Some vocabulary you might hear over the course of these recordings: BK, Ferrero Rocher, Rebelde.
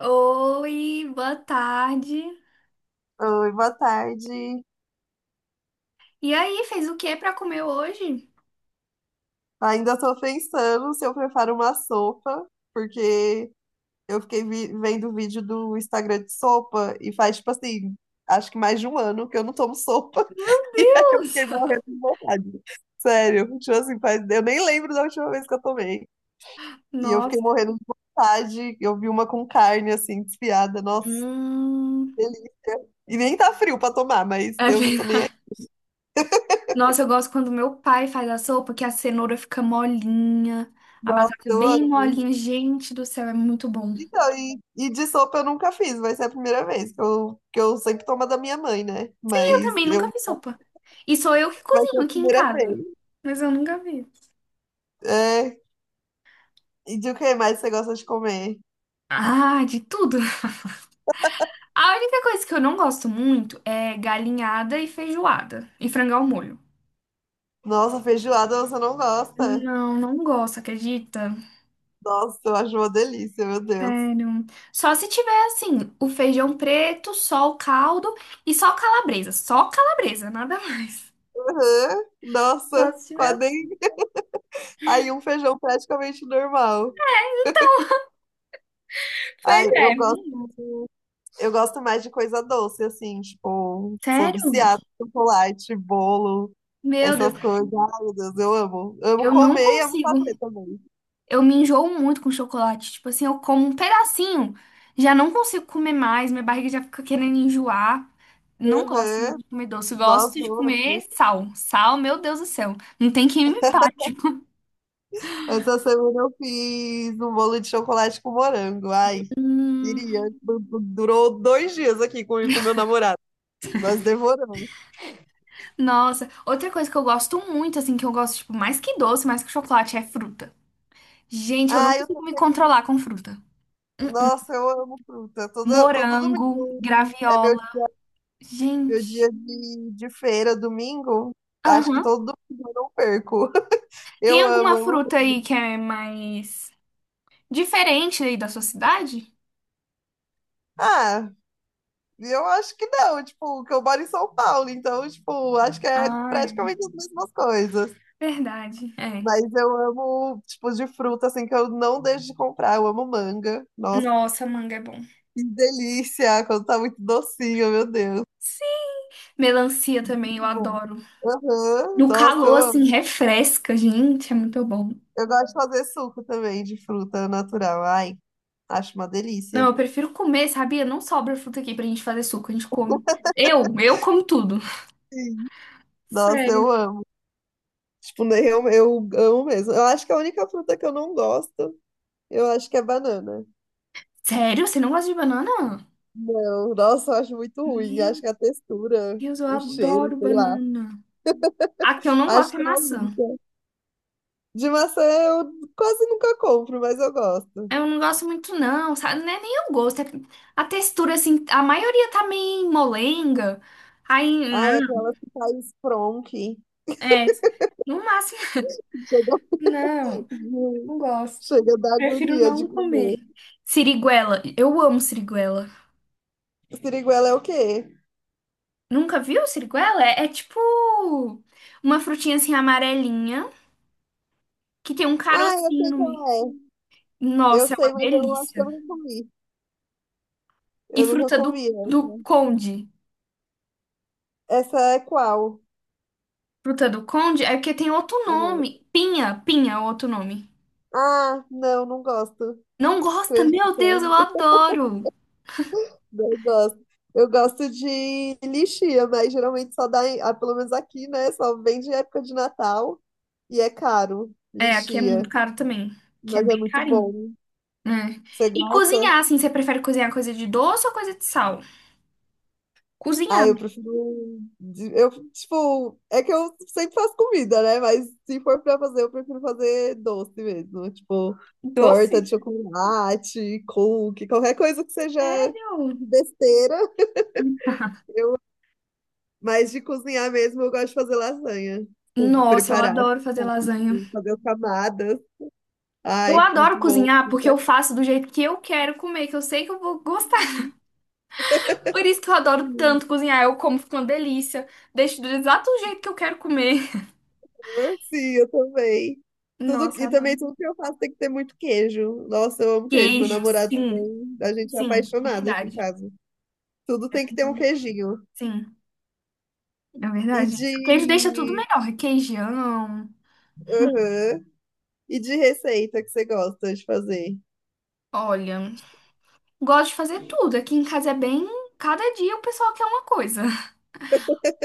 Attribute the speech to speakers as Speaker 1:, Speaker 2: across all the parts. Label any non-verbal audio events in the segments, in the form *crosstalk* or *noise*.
Speaker 1: Oi, boa tarde.
Speaker 2: Oi, boa tarde.
Speaker 1: E aí, fez o que pra comer hoje?
Speaker 2: Ainda estou pensando se eu preparo uma sopa, porque eu fiquei vendo vídeo do Instagram de sopa e faz, tipo assim, acho que mais de um ano que eu não tomo sopa. *laughs*
Speaker 1: Meu
Speaker 2: E aí eu
Speaker 1: Deus!
Speaker 2: fiquei morrendo
Speaker 1: *laughs*
Speaker 2: de vontade. Sério, tipo assim, faz, eu nem lembro da última vez que eu tomei. E eu fiquei
Speaker 1: Nossa.
Speaker 2: morrendo de vontade. Eu vi uma com carne, assim, desfiada. Nossa,
Speaker 1: Hum.
Speaker 2: que delícia. E nem tá frio pra tomar, mas
Speaker 1: É
Speaker 2: eu não tô nem aí.
Speaker 1: verdade. Nossa, eu gosto quando meu pai faz a sopa, que a cenoura fica molinha, a
Speaker 2: Nossa,
Speaker 1: batata é
Speaker 2: eu
Speaker 1: bem
Speaker 2: amo.
Speaker 1: molinha. Gente do céu, é muito bom.
Speaker 2: Então, e de sopa eu nunca fiz, vai ser a primeira vez, que eu sempre tomo a da minha mãe, né?
Speaker 1: E eu
Speaker 2: Mas
Speaker 1: também nunca
Speaker 2: eu,
Speaker 1: fiz sopa. E sou eu que
Speaker 2: vai ser
Speaker 1: cozinho
Speaker 2: a
Speaker 1: aqui em
Speaker 2: primeira
Speaker 1: casa.
Speaker 2: vez.
Speaker 1: Mas eu nunca vi.
Speaker 2: É, e de o que mais você gosta de comer?
Speaker 1: Ah, de tudo. *laughs* A única coisa que eu não gosto muito é galinhada e feijoada e frango ao molho.
Speaker 2: Nossa, feijoada você não gosta?
Speaker 1: Não, não gosto, acredita?
Speaker 2: Nossa, eu acho uma delícia, meu Deus.
Speaker 1: Sério. Só se tiver assim, o feijão preto, só o caldo e só calabresa. Só calabresa, nada *laughs* mais.
Speaker 2: Aham.
Speaker 1: Só
Speaker 2: Nossa,
Speaker 1: se tiver
Speaker 2: quase nem...
Speaker 1: assim.
Speaker 2: Aí um feijão praticamente normal. Ai,
Speaker 1: Pois é,
Speaker 2: eu
Speaker 1: não.
Speaker 2: gosto. Eu gosto mais de coisa doce, assim, tipo, sou
Speaker 1: Sério?
Speaker 2: viciada em chocolate, bolo,
Speaker 1: Meu
Speaker 2: essas
Speaker 1: Deus,
Speaker 2: coisas. Ai, meu Deus, eu amo. Amo
Speaker 1: eu não
Speaker 2: comer e amo
Speaker 1: consigo.
Speaker 2: fazer também.
Speaker 1: Eu me enjoo muito com chocolate. Tipo assim, eu como um pedacinho, já não consigo comer mais, minha barriga já fica querendo enjoar. Não gosto muito
Speaker 2: Uhum.
Speaker 1: de comer doce,
Speaker 2: Nossa,
Speaker 1: gosto de
Speaker 2: eu amo.
Speaker 1: comer sal. Sal, meu Deus do céu. Não tem quem me pare.
Speaker 2: Essa semana eu fiz um bolo de chocolate com morango. Ai, queria. Durou dois dias aqui com meu namorado. Nós devoramos.
Speaker 1: Nossa, outra coisa que eu gosto muito, assim, que eu gosto, tipo, mais que doce, mais que chocolate, é fruta. Gente, eu não
Speaker 2: Ai, eu tô...
Speaker 1: consigo me controlar com fruta. Hum,
Speaker 2: Nossa, eu amo fruta. Todo
Speaker 1: Morango,
Speaker 2: domingo é meu,
Speaker 1: graviola.
Speaker 2: meu
Speaker 1: Gente.
Speaker 2: dia de feira, domingo. Acho que
Speaker 1: Aham.
Speaker 2: todo domingo eu não perco.
Speaker 1: Tem
Speaker 2: Eu amo,
Speaker 1: alguma
Speaker 2: amo.
Speaker 1: fruta aí que é mais diferente aí da sua cidade?
Speaker 2: Ah, eu acho que não, tipo, que eu moro em São Paulo, então, tipo, acho que é
Speaker 1: Ah, é.
Speaker 2: praticamente as mesmas coisas.
Speaker 1: Verdade. É.
Speaker 2: Mas eu amo, tipo, de fruta, assim, que eu não deixo de comprar. Eu amo manga. Nossa,
Speaker 1: Nossa, manga é bom.
Speaker 2: que delícia, quando tá muito docinho, meu Deus.
Speaker 1: Sim. Melancia
Speaker 2: Muito
Speaker 1: também, eu
Speaker 2: bom.
Speaker 1: adoro.
Speaker 2: Aham.
Speaker 1: No
Speaker 2: Nossa,
Speaker 1: calor,
Speaker 2: eu
Speaker 1: assim,
Speaker 2: amo.
Speaker 1: refresca, gente, é muito bom.
Speaker 2: Eu gosto de fazer suco também de fruta natural. Ai, acho uma
Speaker 1: Não,
Speaker 2: delícia.
Speaker 1: eu prefiro comer, sabia? Não sobra fruta aqui pra gente fazer suco, a gente come. Eu como tudo.
Speaker 2: Sim. Nossa,
Speaker 1: Sério.
Speaker 2: eu amo. Tipo, né, eu amo mesmo. Eu acho que a única fruta que eu não gosto, eu acho que é banana.
Speaker 1: Sério? Você não gosta de banana?
Speaker 2: Não, nossa, eu acho muito ruim. Acho
Speaker 1: Meu
Speaker 2: que a textura,
Speaker 1: Deus, eu
Speaker 2: o cheiro,
Speaker 1: adoro
Speaker 2: sei lá.
Speaker 1: banana. A que eu não
Speaker 2: Acho
Speaker 1: gosto é
Speaker 2: que é a
Speaker 1: maçã.
Speaker 2: única. De maçã eu quase nunca compro, mas eu gosto.
Speaker 1: Eu não gosto muito, não, sabe? Não é nem o gosto. É a textura, assim, a maioria tá meio molenga. Aí,
Speaker 2: Ah, é
Speaker 1: não,
Speaker 2: aquela que faz fronque.
Speaker 1: é. No máximo,
Speaker 2: Chega,
Speaker 1: *laughs* não,
Speaker 2: *laughs*
Speaker 1: não gosto.
Speaker 2: chega da
Speaker 1: Prefiro
Speaker 2: agonia de
Speaker 1: não
Speaker 2: comer.
Speaker 1: comer. Siriguela, eu amo siriguela.
Speaker 2: Siriguela é o quê?
Speaker 1: Nunca viu siriguela? É, é tipo uma frutinha assim amarelinha que tem um
Speaker 2: Ah, eu
Speaker 1: carocinho
Speaker 2: sei
Speaker 1: no meio.
Speaker 2: qual é. Eu
Speaker 1: Nossa, é uma
Speaker 2: sei, mas eu acho que eu
Speaker 1: delícia.
Speaker 2: nunca comi.
Speaker 1: E
Speaker 2: Eu nunca
Speaker 1: fruta
Speaker 2: comi
Speaker 1: do
Speaker 2: essa.
Speaker 1: conde.
Speaker 2: Essa é qual?
Speaker 1: Fruta do conde é porque tem outro
Speaker 2: Uhum.
Speaker 1: nome. Pinha, pinha é outro nome.
Speaker 2: Ah, não, não gosto.
Speaker 1: Não gosta? Meu
Speaker 2: Acredita?
Speaker 1: Deus, eu adoro.
Speaker 2: Eu gosto. Eu gosto de lixia, mas geralmente só dá, pelo menos aqui, né? Só vende em época de Natal e é caro,
Speaker 1: É, aqui é muito
Speaker 2: lixia.
Speaker 1: caro também. Que é
Speaker 2: Mas é
Speaker 1: bem
Speaker 2: muito
Speaker 1: carinho.
Speaker 2: bom.
Speaker 1: Né?
Speaker 2: Você
Speaker 1: E
Speaker 2: gosta?
Speaker 1: cozinhar, assim, você prefere cozinhar coisa de doce ou coisa de sal?
Speaker 2: Ah,
Speaker 1: Cozinhar.
Speaker 2: eu prefiro. Eu, tipo, é que eu sempre faço comida, né? Mas se for pra fazer, eu prefiro fazer doce mesmo. Tipo,
Speaker 1: Doce?
Speaker 2: torta de chocolate, cookie, qualquer coisa que seja
Speaker 1: Sério?
Speaker 2: de besteira.
Speaker 1: *laughs*
Speaker 2: Mas de cozinhar mesmo, eu gosto de fazer lasanha. Tipo,
Speaker 1: Nossa, eu
Speaker 2: preparar.
Speaker 1: adoro fazer lasanha.
Speaker 2: Sim, fazer camadas.
Speaker 1: Eu
Speaker 2: Ai,
Speaker 1: adoro
Speaker 2: muito bom.
Speaker 1: cozinhar porque eu faço do jeito que eu quero comer, que eu sei que eu vou gostar.
Speaker 2: Sim,
Speaker 1: *laughs* Por isso que eu adoro tanto cozinhar. Eu como, fica uma delícia. Deixo do exato jeito que eu quero comer.
Speaker 2: senhor. Sim, eu também. Tudo,
Speaker 1: Nossa,
Speaker 2: e também
Speaker 1: adoro.
Speaker 2: tudo que eu faço tem que ter muito queijo. Nossa, eu amo queijo. Meu
Speaker 1: Queijo,
Speaker 2: namorado
Speaker 1: sim.
Speaker 2: também, a gente é
Speaker 1: Sim,
Speaker 2: apaixonado aqui em
Speaker 1: verdade.
Speaker 2: casa. Tudo tem que ter um
Speaker 1: Verdade.
Speaker 2: queijinho.
Speaker 1: Sim, é
Speaker 2: E
Speaker 1: verdade. Queijo deixa tudo
Speaker 2: de,
Speaker 1: melhor. Requeijão.
Speaker 2: aham. E de receita que você gosta de fazer?
Speaker 1: Olha, gosto de fazer tudo. Aqui em casa é bem. Cada dia o pessoal quer uma coisa.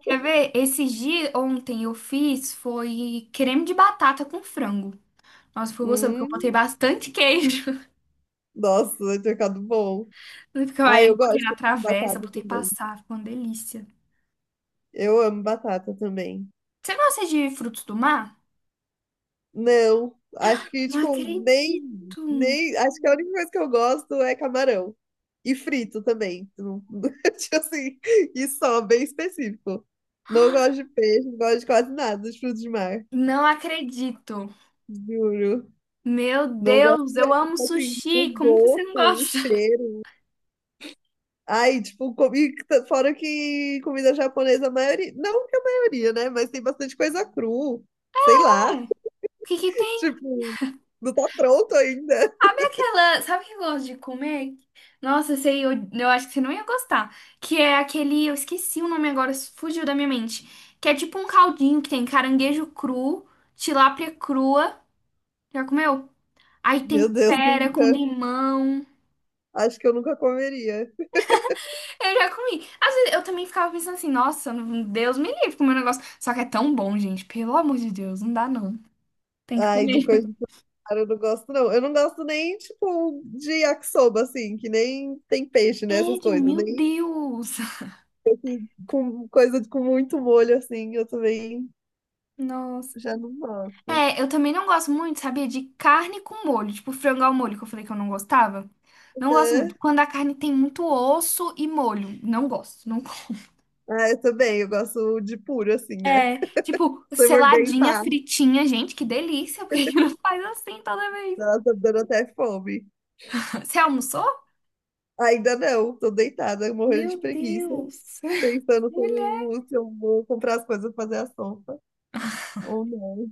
Speaker 1: Quer ver? Esses dias, ontem eu fiz foi creme de batata com frango. Nossa, foi gostoso, porque eu botei
Speaker 2: Hum,
Speaker 1: bastante queijo.
Speaker 2: nossa, vai ter ficado bom.
Speaker 1: Porque fica-
Speaker 2: Ah,
Speaker 1: aí
Speaker 2: eu
Speaker 1: eu botei
Speaker 2: gosto
Speaker 1: na
Speaker 2: de batata
Speaker 1: travessa, botei
Speaker 2: também.
Speaker 1: passar, ficou uma delícia.
Speaker 2: Eu amo batata também.
Speaker 1: Você gosta de frutos do mar?
Speaker 2: Não, acho que,
Speaker 1: Não
Speaker 2: tipo,
Speaker 1: acredito.
Speaker 2: nem. Acho que a única coisa que eu gosto é camarão. E frito também. Não- *laughs* Tipo assim, e só, bem específico. Não gosto de peixe, não gosto de quase nada de frutos de mar.
Speaker 1: Não acredito.
Speaker 2: Juro.
Speaker 1: Meu
Speaker 2: Não gosto
Speaker 1: Deus, eu
Speaker 2: mesmo.
Speaker 1: amo
Speaker 2: Tipo assim, o
Speaker 1: sushi. Como que você
Speaker 2: gosto,
Speaker 1: não
Speaker 2: o
Speaker 1: gosta?
Speaker 2: cheiro. Ai, tipo, comi, fora que comida japonesa, a maioria. Não que a maioria, né? Mas tem bastante coisa cru. Sei
Speaker 1: É.
Speaker 2: lá.
Speaker 1: O que que
Speaker 2: *laughs*
Speaker 1: tem?
Speaker 2: Tipo, não tá pronto ainda.
Speaker 1: Sabe aquela. Sabe o que eu gosto de comer? Nossa, eu sei, eu acho que você não ia gostar. Que é aquele. Eu esqueci o nome agora, fugiu da minha mente. Que é tipo um caldinho que tem caranguejo cru, tilápia crua. Já comeu? Aí
Speaker 2: Meu Deus,
Speaker 1: tempera com
Speaker 2: nunca.
Speaker 1: limão.
Speaker 2: Acho que eu nunca comeria.
Speaker 1: Eu já comi. Às vezes eu também ficava pensando assim, nossa, não- Deus me livre comer um negócio. Só que é tão bom, gente. Pelo amor de Deus, não dá não. Tem que
Speaker 2: Ai, de
Speaker 1: comer.
Speaker 2: coisa de
Speaker 1: *laughs*
Speaker 2: mar eu não gosto, não. Eu não gosto nem, tipo, de yakisoba, assim, que nem tem peixe, né? Essas
Speaker 1: Sério,
Speaker 2: coisas.
Speaker 1: meu
Speaker 2: Nem
Speaker 1: Deus.
Speaker 2: com com muito molho, assim, eu também
Speaker 1: Nossa.
Speaker 2: já não gosto.
Speaker 1: É, eu também não gosto muito, sabia? De carne com molho. Tipo, frango ao molho, que eu falei que eu não gostava. Não gosto muito.
Speaker 2: É.
Speaker 1: Quando a carne tem muito osso e molho. Não gosto. Não gosto.
Speaker 2: Ah, eu também, eu gosto de puro, assim, né?
Speaker 1: É, tipo,
Speaker 2: Se eu morder em
Speaker 1: seladinha,
Speaker 2: pá,
Speaker 1: fritinha. Gente, que delícia. Por que que não faz assim toda vez?
Speaker 2: nossa, tá me dando até fome.
Speaker 1: *laughs* Você almoçou?
Speaker 2: Ainda não, tô deitada, morrendo
Speaker 1: Meu
Speaker 2: de preguiça,
Speaker 1: Deus.
Speaker 2: pensando se
Speaker 1: *laughs*
Speaker 2: eu vou comprar as coisas pra fazer a sopa ou não.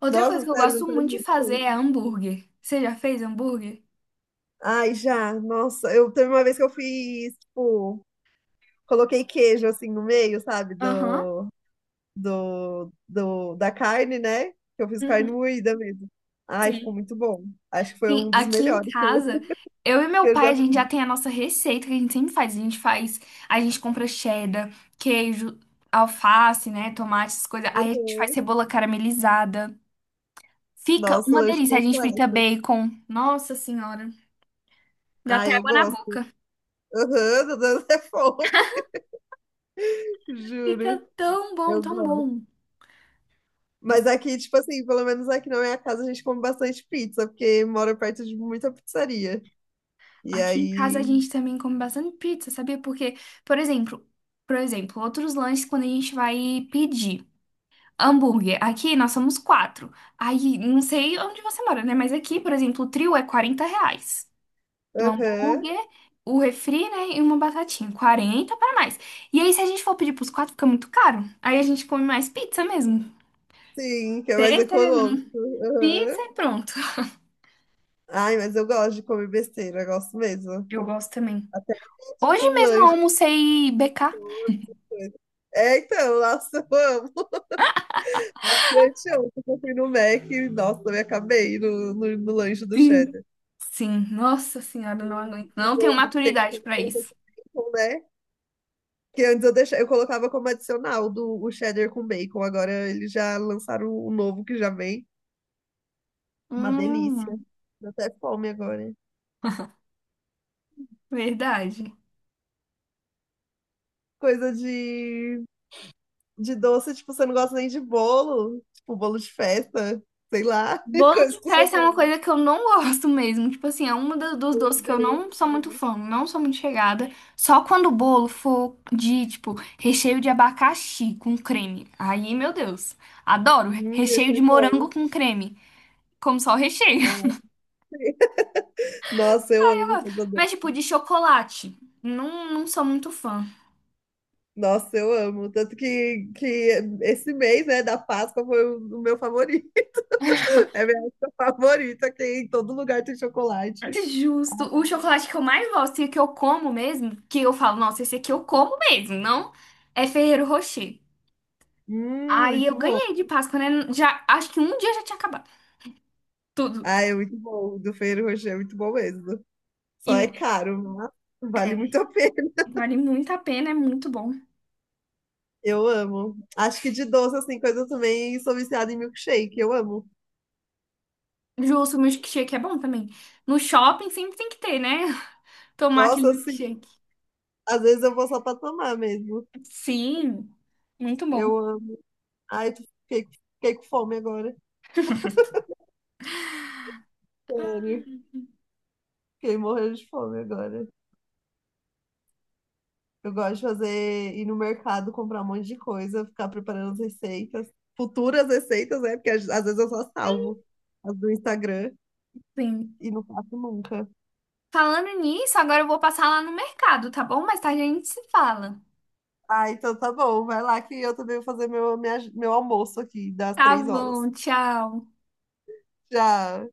Speaker 1: Outra coisa
Speaker 2: Nossa,
Speaker 1: que eu
Speaker 2: sério,
Speaker 1: gosto
Speaker 2: mas faz
Speaker 1: muito de
Speaker 2: muito
Speaker 1: fazer é
Speaker 2: tempo.
Speaker 1: hambúrguer. Você já fez hambúrguer?
Speaker 2: Ai, já, nossa, eu teve uma vez que eu fiz, tipo, coloquei queijo assim no meio, sabe,
Speaker 1: Aham.
Speaker 2: do da carne, né? Que eu fiz carne
Speaker 1: Uhum.
Speaker 2: moída mesmo. Ai, ficou
Speaker 1: Sim.
Speaker 2: muito bom. Acho que foi
Speaker 1: Sim,
Speaker 2: um dos
Speaker 1: aqui em
Speaker 2: melhores
Speaker 1: casa, eu e meu
Speaker 2: que eu
Speaker 1: pai, a
Speaker 2: já
Speaker 1: gente
Speaker 2: fiz.
Speaker 1: já tem a nossa receita que a gente sempre faz. A gente faz, a gente compra cheddar, queijo, alface, né, tomate, essas coisas. Aí a gente faz
Speaker 2: Né.
Speaker 1: cebola caramelizada. Fica
Speaker 2: Nossa,
Speaker 1: uma
Speaker 2: lanche
Speaker 1: delícia. A gente
Speaker 2: completo.
Speaker 1: frita bacon. Nossa Senhora, dá até
Speaker 2: Ai, eu
Speaker 1: água na
Speaker 2: gosto.
Speaker 1: boca.
Speaker 2: Aham, tô dando até fome, *laughs* juro.
Speaker 1: Fica tão bom,
Speaker 2: Eu
Speaker 1: tão
Speaker 2: gosto.
Speaker 1: bom.
Speaker 2: Mas aqui, tipo assim, pelo menos aqui na minha casa a gente come bastante pizza, porque mora perto de muita pizzaria. E
Speaker 1: Aqui em casa a
Speaker 2: aí,
Speaker 1: gente também come bastante pizza, sabia? Porque, por exemplo, por exemplo, outros lanches quando a gente vai pedir hambúrguer, aqui nós somos quatro. Aí, não sei onde você mora, né? Mas aqui, por exemplo, o trio é R$ 40. Do
Speaker 2: aham.
Speaker 1: hambúrguer, o refri, né? E uma batatinha. 40 para mais. E aí, se a gente for pedir pros quatro, fica muito caro. Aí a gente come mais pizza mesmo.
Speaker 2: Sim, que é mais
Speaker 1: Pizza,
Speaker 2: econômico.
Speaker 1: pizza
Speaker 2: Aham.
Speaker 1: e pronto.
Speaker 2: Ai, mas eu gosto de comer besteira, eu gosto mesmo.
Speaker 1: Eu gosto também.
Speaker 2: Até
Speaker 1: Hoje
Speaker 2: tipo um
Speaker 1: mesmo eu
Speaker 2: lanche.
Speaker 1: almocei BK.
Speaker 2: Essas coisas. É, então, nossa, eu amo. Acho que anteontem eu fui no Mac e, nossa, eu me acabei no lanche do
Speaker 1: Sim,
Speaker 2: cheddar.
Speaker 1: sim. Nossa senhora, não aguento.
Speaker 2: O
Speaker 1: Não tenho
Speaker 2: novo que tem,
Speaker 1: maturidade
Speaker 2: que
Speaker 1: pra
Speaker 2: colocou
Speaker 1: isso.
Speaker 2: com bacon, né? Que antes eu, deixava, eu colocava como adicional do, o cheddar com bacon. Agora eles já lançaram o novo que já vem. Uma delícia.
Speaker 1: Hum.
Speaker 2: Deu até fome agora.
Speaker 1: Verdade.
Speaker 2: Coisa de doce, tipo, você não gosta nem de bolo, tipo, bolo de festa, sei lá, *laughs*
Speaker 1: Bolo
Speaker 2: coisa
Speaker 1: de
Speaker 2: com
Speaker 1: festa é uma coisa
Speaker 2: chocolate.
Speaker 1: que eu não gosto mesmo. Tipo assim, é uma dos
Speaker 2: Meu
Speaker 1: doces que eu
Speaker 2: Deus,
Speaker 1: não sou muito
Speaker 2: amo.
Speaker 1: fã, não sou muito chegada. Só quando o bolo for de, tipo, recheio de abacaxi com creme. Aí, meu Deus. Adoro.
Speaker 2: Hum,
Speaker 1: Recheio
Speaker 2: esse é
Speaker 1: de
Speaker 2: bom.
Speaker 1: morango com creme. Como só o recheio.
Speaker 2: Nossa, eu amo
Speaker 1: *laughs*
Speaker 2: coisa doce.
Speaker 1: Mas, tipo, de chocolate. Não, não sou muito fã.
Speaker 2: Nossa, eu amo. Tanto que esse mês, né, da Páscoa foi o meu favorito. *laughs* É a minha época favorita, que em todo lugar tem chocolate.
Speaker 1: Justo. O chocolate que eu mais gosto e que eu como mesmo, que eu falo, nossa, esse aqui eu como mesmo, não é Ferrero Rocher. Aí eu
Speaker 2: Muito bom.
Speaker 1: ganhei de Páscoa, né? Já, acho que um dia já tinha acabado tudo.
Speaker 2: Ah, é muito bom. O do Ferrero Rocher é muito bom mesmo. Só é
Speaker 1: E
Speaker 2: caro, mas vale
Speaker 1: é,
Speaker 2: muito a pena.
Speaker 1: vale muito a pena, é muito bom.
Speaker 2: Eu amo. Acho que de doce, assim, coisa eu também, sou viciada em milkshake, eu amo.
Speaker 1: Justo, o milkshake é bom também. No shopping sempre tem que ter, né? *laughs* Tomar aquele
Speaker 2: Nossa, assim,
Speaker 1: milkshake.
Speaker 2: às vezes eu vou só pra tomar mesmo.
Speaker 1: Sim, muito bom.
Speaker 2: Eu amo. Ai, fiquei, fiquei com fome agora. Sério, fiquei morrendo de fome agora. Eu gosto de fazer, ir no mercado, comprar um monte de coisa, ficar preparando as receitas, futuras receitas, né? Porque às vezes eu só salvo as do Instagram
Speaker 1: Sim.
Speaker 2: e não faço nunca.
Speaker 1: Falando nisso, agora eu vou passar lá no mercado, tá bom? Mais tarde a gente se fala.
Speaker 2: Ah, então tá bom, vai lá que eu também vou fazer meu, meu almoço aqui das
Speaker 1: Tá
Speaker 2: 3 horas.
Speaker 1: bom, tchau.
Speaker 2: Já.